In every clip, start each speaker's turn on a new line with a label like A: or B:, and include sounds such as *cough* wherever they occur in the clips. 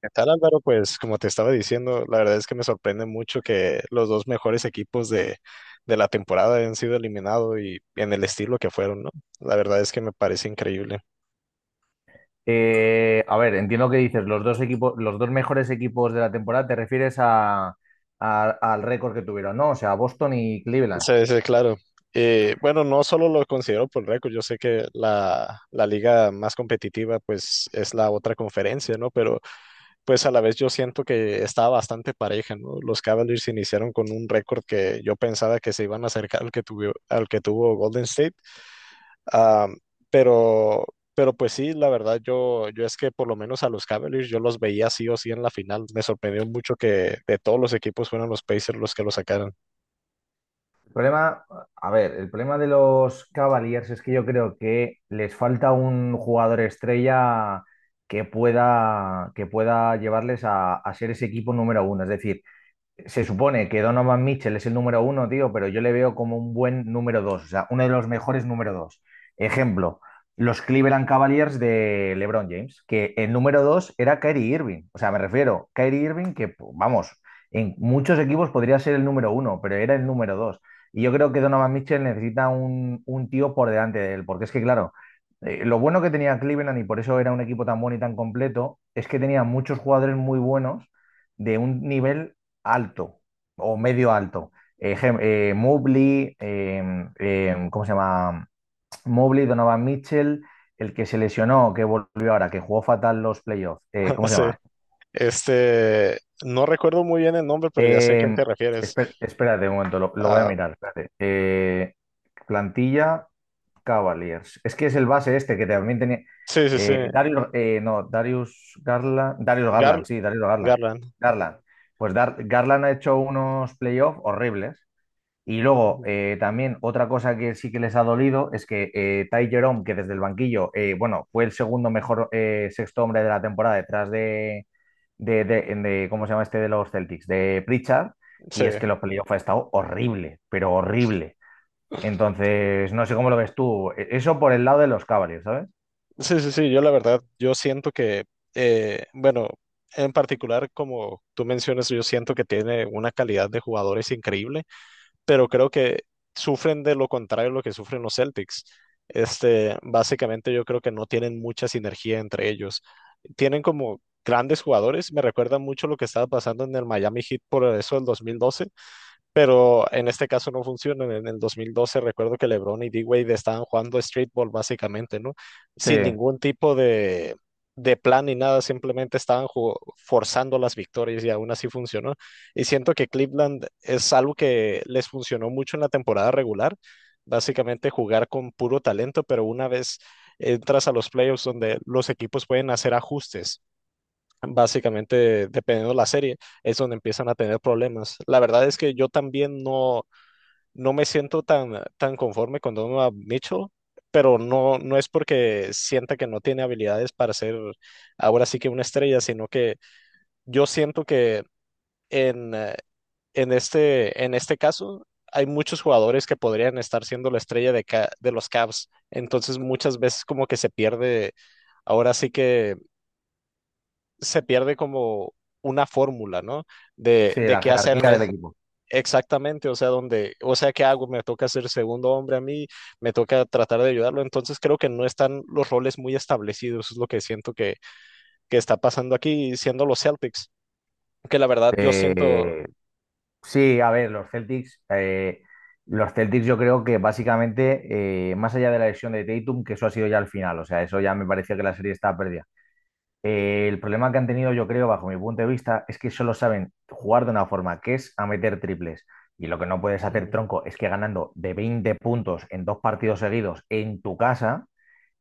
A: ¿Qué tal, Álvaro? Pues como te estaba diciendo, la verdad es que me sorprende mucho que los dos mejores equipos de la temporada hayan sido eliminados y en el estilo que fueron, ¿no? La verdad es que me parece increíble.
B: A ver, entiendo que dices los dos equipos, los dos mejores equipos de la temporada, te refieres al récord que tuvieron, ¿no? O sea, Boston y Cleveland.
A: Sí, sí, claro. Bueno, no solo lo considero por récord. Yo sé que la liga más competitiva pues es la otra conferencia, ¿no? Pero pues a la vez yo siento que estaba bastante pareja, ¿no? Los Cavaliers iniciaron con un récord que yo pensaba que se iban a acercar al que tuvo Golden State. Ah, pero, pues sí, la verdad, yo es que por lo menos a los Cavaliers yo los veía sí o sí en la final. Me sorprendió mucho que de todos los equipos fueran los Pacers los que lo sacaran.
B: El problema, a ver, el problema de los Cavaliers es que yo creo que les falta un jugador estrella que pueda llevarles a ser ese equipo número uno. Es decir, se supone que Donovan Mitchell es el número uno, tío, pero yo le veo como un buen número dos, o sea, uno de los mejores número dos. Ejemplo, los Cleveland Cavaliers de LeBron James, que el número dos era Kyrie Irving. O sea, me refiero, Kyrie Irving, que vamos, en muchos equipos podría ser el número uno, pero era el número dos. Y yo creo que Donovan Mitchell necesita un tío por delante de él, porque es que, claro, lo bueno que tenía Cleveland, y por eso era un equipo tan bueno y tan completo, es que tenía muchos jugadores muy buenos de un nivel alto o medio alto. Mobley, ¿cómo se llama? Mobley, Donovan Mitchell, el que se lesionó, que volvió ahora, que jugó fatal los playoffs.
A: *laughs*
B: ¿Cómo se
A: Sí.
B: llama?
A: Este, no recuerdo muy bien el nombre, pero ya sé a quién
B: Eh,
A: te refieres.
B: Espérate un momento, lo voy a
A: Ah,
B: mirar. Espérate. Plantilla Cavaliers. Es que es el base este que también tenía.
A: sí, sí, sí.
B: Darius, no, Darius Garland. Darius
A: Gar
B: Garland, sí, Darius Garland.
A: Garland.
B: Garland. Pues Garland ha hecho unos playoffs horribles. Y luego,
A: Ujú.
B: también otra cosa que sí que les ha dolido es que Ty Jerome, que desde el banquillo, bueno, fue el segundo mejor sexto hombre de la temporada detrás de, ¿cómo se llama este de los Celtics? De Pritchard,
A: Sí,
B: y es que los playoffs ha estado horrible, pero horrible. Entonces, no sé cómo lo ves tú. Eso por el lado de los Cavaliers, ¿sabes?
A: sí, sí, sí. Yo la verdad, yo siento que, bueno, en particular, como tú mencionas, yo siento que tiene una calidad de jugadores increíble, pero creo que sufren de lo contrario a lo que sufren los Celtics. Este, básicamente yo creo que no tienen mucha sinergia entre ellos. Tienen como grandes jugadores. Me recuerda mucho lo que estaba pasando en el Miami Heat por eso del dos mil doce, pero en este caso no funcionan. En el 2012 recuerdo que LeBron y D-Wade estaban jugando streetball básicamente, ¿no?
B: Sí,
A: Sin ningún tipo de plan ni nada, simplemente estaban forzando las victorias y aún así funcionó. Y siento que Cleveland es algo que les funcionó mucho en la temporada regular, básicamente jugar con puro talento, pero una vez entras a los playoffs donde los equipos pueden hacer ajustes. Básicamente, dependiendo de la serie, es donde empiezan a tener problemas. La verdad es que yo también no, no me siento tan conforme con Donovan Mitchell, pero no, no es porque sienta que no tiene habilidades para ser ahora sí que una estrella, sino que yo siento que en, eh, en este caso hay muchos jugadores que podrían estar siendo la estrella de los Cavs. Entonces, muchas veces como que se pierde ahora sí que se pierde como una fórmula, ¿no? De,
B: sí,
A: de
B: la
A: qué hacer en
B: jerarquía del equipo.
A: exactamente. O sea, donde, o sea, ¿qué hago? Me toca ser segundo hombre a mí, me toca tratar de ayudarlo. Entonces creo que no están los roles muy establecidos, es lo que siento que está pasando aquí, siendo los Celtics, que la verdad yo siento.
B: Eh, Sí, a ver, los Celtics yo creo que básicamente, más allá de la lesión de Tatum, que eso ha sido ya al final, o sea, eso ya me parecía que la serie estaba perdida. El problema que han tenido, yo creo, bajo mi punto de vista, es que solo saben jugar de una forma, que es a meter triples. Y lo que no puedes hacer,
A: Mhm.
B: tronco, es que ganando de 20 puntos en dos partidos seguidos en tu casa,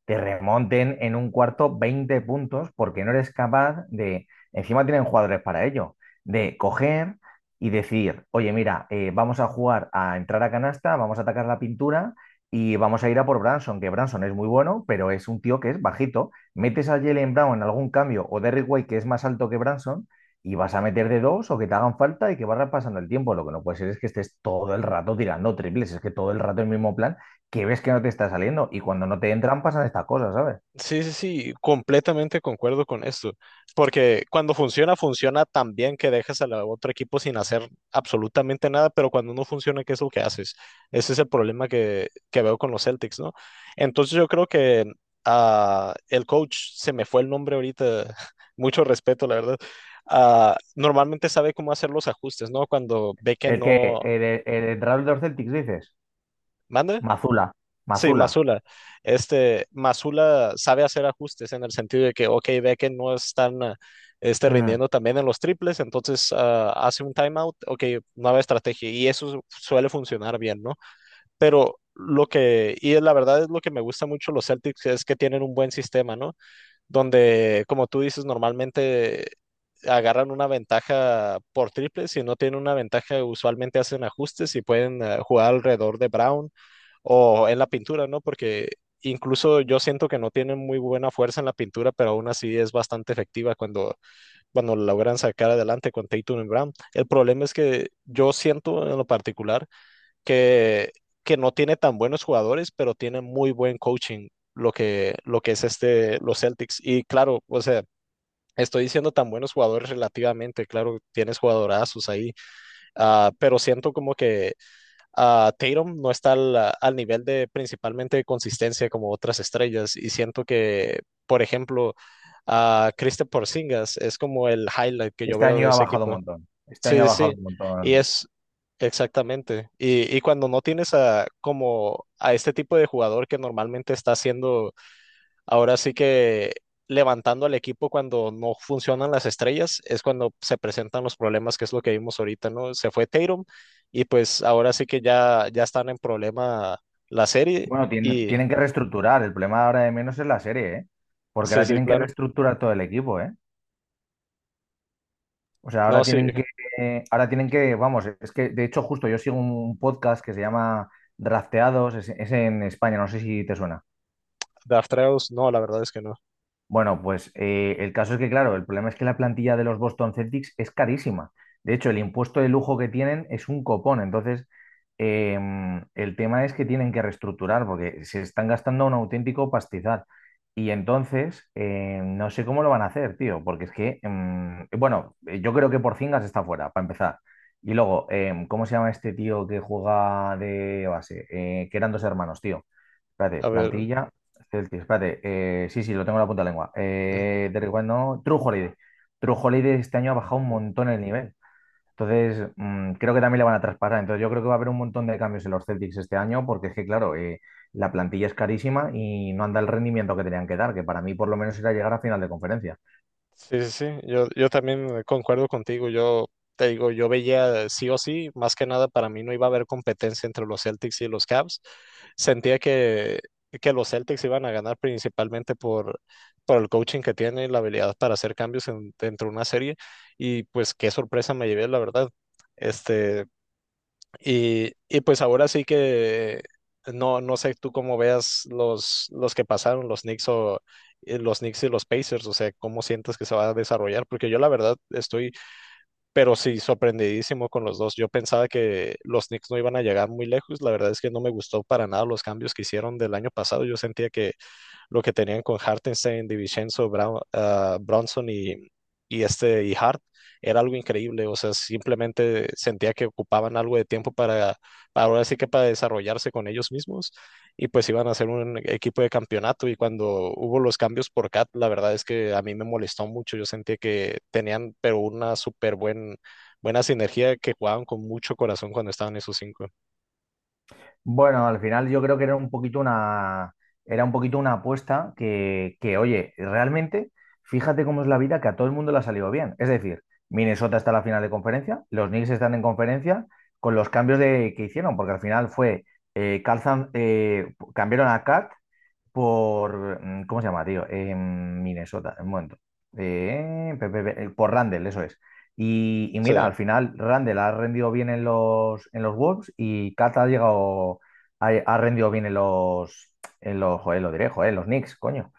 B: te remonten en un cuarto 20 puntos porque no eres capaz de, encima tienen jugadores para ello, de coger y decir, oye, mira, vamos a jugar a entrar a canasta, vamos a atacar la pintura y vamos a ir a por Branson, que Branson es muy bueno, pero es un tío que es bajito. Metes a Jalen Brown en algún cambio o Derrick White, que es más alto que Branson, y vas a meter de dos o que te hagan falta y que vas pasando el tiempo. Lo que no puede ser es que estés todo el rato tirando triples, es que todo el rato el mismo plan que ves que no te está saliendo. Y cuando no te entran, pasan estas cosas, ¿sabes?
A: Sí, sí, sí, completamente concuerdo con esto, porque cuando funciona, funciona tan bien que dejas al otro equipo sin hacer absolutamente nada, pero cuando no funciona, ¿qué es lo que haces? Ese es el problema que veo con los Celtics, ¿no? Entonces yo creo que ah, el coach, se me fue el nombre ahorita, *laughs* mucho respeto, la verdad, ah, normalmente sabe cómo hacer los ajustes, ¿no? Cuando ve que
B: El que,
A: no...
B: el entrenador de los Celtics, dices,
A: ¿Mande?
B: Mazula,
A: Sí,
B: Mazula.
A: Masula. Este, Masula sabe hacer ajustes en el sentido de que, ok, ve que no están ah, este,
B: mm,
A: rindiendo también en los triples. Entonces ah, hace un timeout, ok, nueva estrategia, y eso suele funcionar bien, ¿no? Pero lo que, y la verdad es lo que me gusta mucho los Celtics, es que tienen un buen sistema, ¿no? Donde, como tú dices, normalmente agarran una ventaja por triple. Si no tienen una ventaja, usualmente hacen ajustes y pueden jugar alrededor de Brown o en la pintura, ¿no? Porque incluso yo siento que no tienen muy buena fuerza en la pintura, pero aún así es bastante efectiva cuando, cuando logran sacar adelante con Tatum y Brown. El problema es que yo siento en lo particular que, que no tiene tan buenos jugadores, pero tiene muy buen coaching. Lo que es este, los Celtics. Y claro, o sea, estoy diciendo tan buenos jugadores relativamente. Claro, tienes jugadorazos ahí, ah, pero siento como que ah, Tatum no está al, al nivel de principalmente de consistencia como otras estrellas, y siento que, por ejemplo, a Kristaps Porzingis es como el highlight que yo
B: Este
A: veo de
B: año ha
A: ese
B: bajado un
A: equipo.
B: montón. Este año ha
A: Sí, sí,
B: bajado
A: sí,
B: un
A: y
B: montón.
A: es exactamente. Y cuando no tienes a, como a este tipo de jugador que normalmente está haciendo ahora sí que levantando al equipo cuando no funcionan las estrellas, es cuando se presentan los problemas, que es lo que vimos ahorita, ¿no? Se fue Tatum y pues ahora sí que ya, ya están en problema la serie
B: Bueno, tienen,
A: y
B: tienen que reestructurar. El problema ahora de menos es la serie, ¿eh? Porque
A: sí,
B: ahora
A: sí,
B: tienen que
A: claro.
B: reestructurar todo el equipo, ¿eh? O sea,
A: No,
B: ahora
A: sí,
B: tienen que, vamos, es que de hecho justo yo sigo un podcast que se llama Drafteados, es en España, no sé si te suena.
A: Daftreus, no, la verdad es que no.
B: Bueno, pues el caso es que, claro, el problema es que la plantilla de los Boston Celtics es carísima. De hecho, el impuesto de lujo que tienen es un copón. Entonces, el tema es que tienen que reestructurar porque se están gastando un auténtico pastizal. Y entonces, no sé cómo lo van a hacer, tío, porque es que, bueno, yo creo que Porzingis está fuera, para empezar. Y luego, ¿cómo se llama este tío que juega de base? Que eran dos hermanos, tío. Espérate,
A: A ver.
B: plantilla, Celtic, espérate. Sí, sí, lo tengo en la punta de la lengua. Derrick White no, True Holiday. True Holiday este año ha bajado un
A: Ujú.
B: montón el nivel. Entonces, creo que también le van a traspasar. Entonces, yo creo que va a haber un montón de cambios en los Celtics este año, porque es que, claro, la plantilla es carísima y no anda el rendimiento que tenían que dar, que para mí por lo menos era llegar a final de conferencia.
A: Sí, sí, sí, yo también concuerdo contigo. Yo te digo, yo veía sí o sí, más que nada para mí no iba a haber competencia entre los Celtics y los Cavs. Sentía que los Celtics iban a ganar principalmente por el coaching que tiene y la habilidad para hacer cambios dentro de una serie, y pues qué sorpresa me llevé, la verdad. Este, y pues ahora sí que no, no sé tú cómo veas los que pasaron, los Knicks o los Knicks y los Pacers, o sea, cómo sientes que se va a desarrollar, porque yo la verdad estoy, pero sí, sorprendidísimo con los dos. Yo pensaba que los Knicks no iban a llegar muy lejos. La verdad es que no me gustó para nada los cambios que hicieron del año pasado. Yo sentía que lo que tenían con Hartenstein, DiVincenzo, Brown, ah, Bronson y este y Hart, era algo increíble. O sea, simplemente sentía que ocupaban algo de tiempo para ahora sí que para desarrollarse con ellos mismos, y pues iban a ser un equipo de campeonato. Y cuando hubo los cambios por Cat, la verdad es que a mí me molestó mucho. Yo sentía que tenían, pero una súper buen, buena sinergia, que jugaban con mucho corazón cuando estaban esos cinco.
B: Bueno, al final yo creo que era un poquito una apuesta que, oye, realmente, fíjate cómo es la vida, que a todo el mundo le ha salido bien. Es decir, Minnesota está en la final de conferencia, los Knicks están en conferencia con los cambios de, que hicieron, porque al final fue, cambiaron a Cat por, ¿cómo se llama, tío? En Minnesota, en un momento. Por Randall, eso es. Y
A: Sí,
B: mira, al final Randall ha rendido bien en los Wolves y Kat ha llegado, ha rendido bien en los, joder, lo diré, joder, en los Knicks, coño.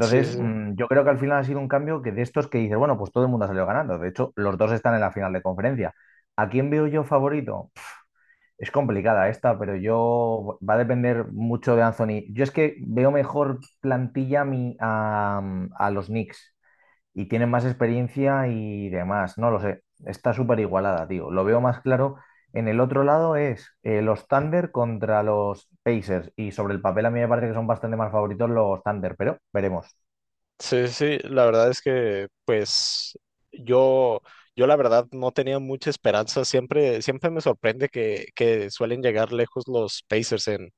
A: sí, sí.
B: yo creo que al final ha sido un cambio que de estos que dices, bueno, pues todo el mundo ha salido ganando. De hecho, los dos están en la final de conferencia. ¿A quién veo yo favorito? Es complicada esta, pero yo va a depender mucho de Anthony. Yo es que veo mejor plantilla a, a los Knicks y tienen más experiencia y demás. No lo sé. Está súper igualada, tío. Lo veo más claro. En el otro lado es los Thunder contra los Pacers. Y sobre el papel a mí me parece que son bastante más favoritos los Thunder, pero veremos.
A: Sí, sí, la verdad es que pues yo, yo la verdad no tenía mucha esperanza. Siempre, siempre me sorprende que suelen llegar lejos los Pacers en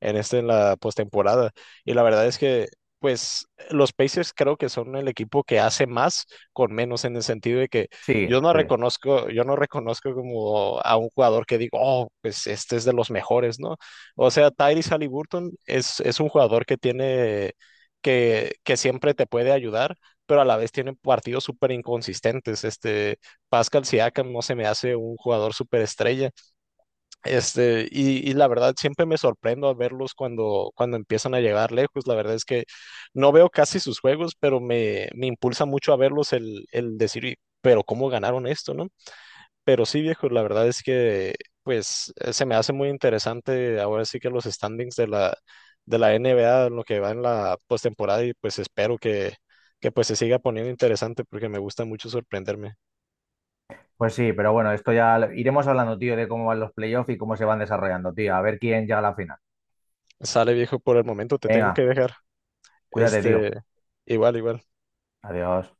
A: este, en la postemporada. Y la verdad es que, pues, los Pacers creo que son el equipo que hace más con menos, en el sentido de que
B: Sí, sí.
A: yo no reconozco como a un jugador que digo, oh, pues este es de los mejores, ¿no? O sea, Tyrese Halliburton es un jugador que tiene, que siempre te puede ayudar, pero a la vez tiene partidos súper inconsistentes. Este, Pascal Siakam no se me hace un jugador súper estrella. Este, y la verdad siempre me sorprendo a verlos cuando, cuando empiezan a llegar lejos. La verdad es que no veo casi sus juegos, pero me impulsa mucho a verlos el decir, "Y- pero ¿cómo ganaron esto, no?". Pero sí, viejo, la verdad es que pues se me hace muy interesante ahora sí que los standings de la NBA, en lo que va en la postemporada, y pues espero que pues se siga poniendo interesante porque me gusta mucho sorprenderme.
B: Pues sí, pero bueno, esto ya iremos hablando, tío, de cómo van los playoffs y cómo se van desarrollando, tío. A ver quién llega a la final.
A: Sale, viejo, por el momento te tengo que
B: Venga,
A: dejar.
B: cuídate, tío.
A: Este, igual, igual.
B: Adiós.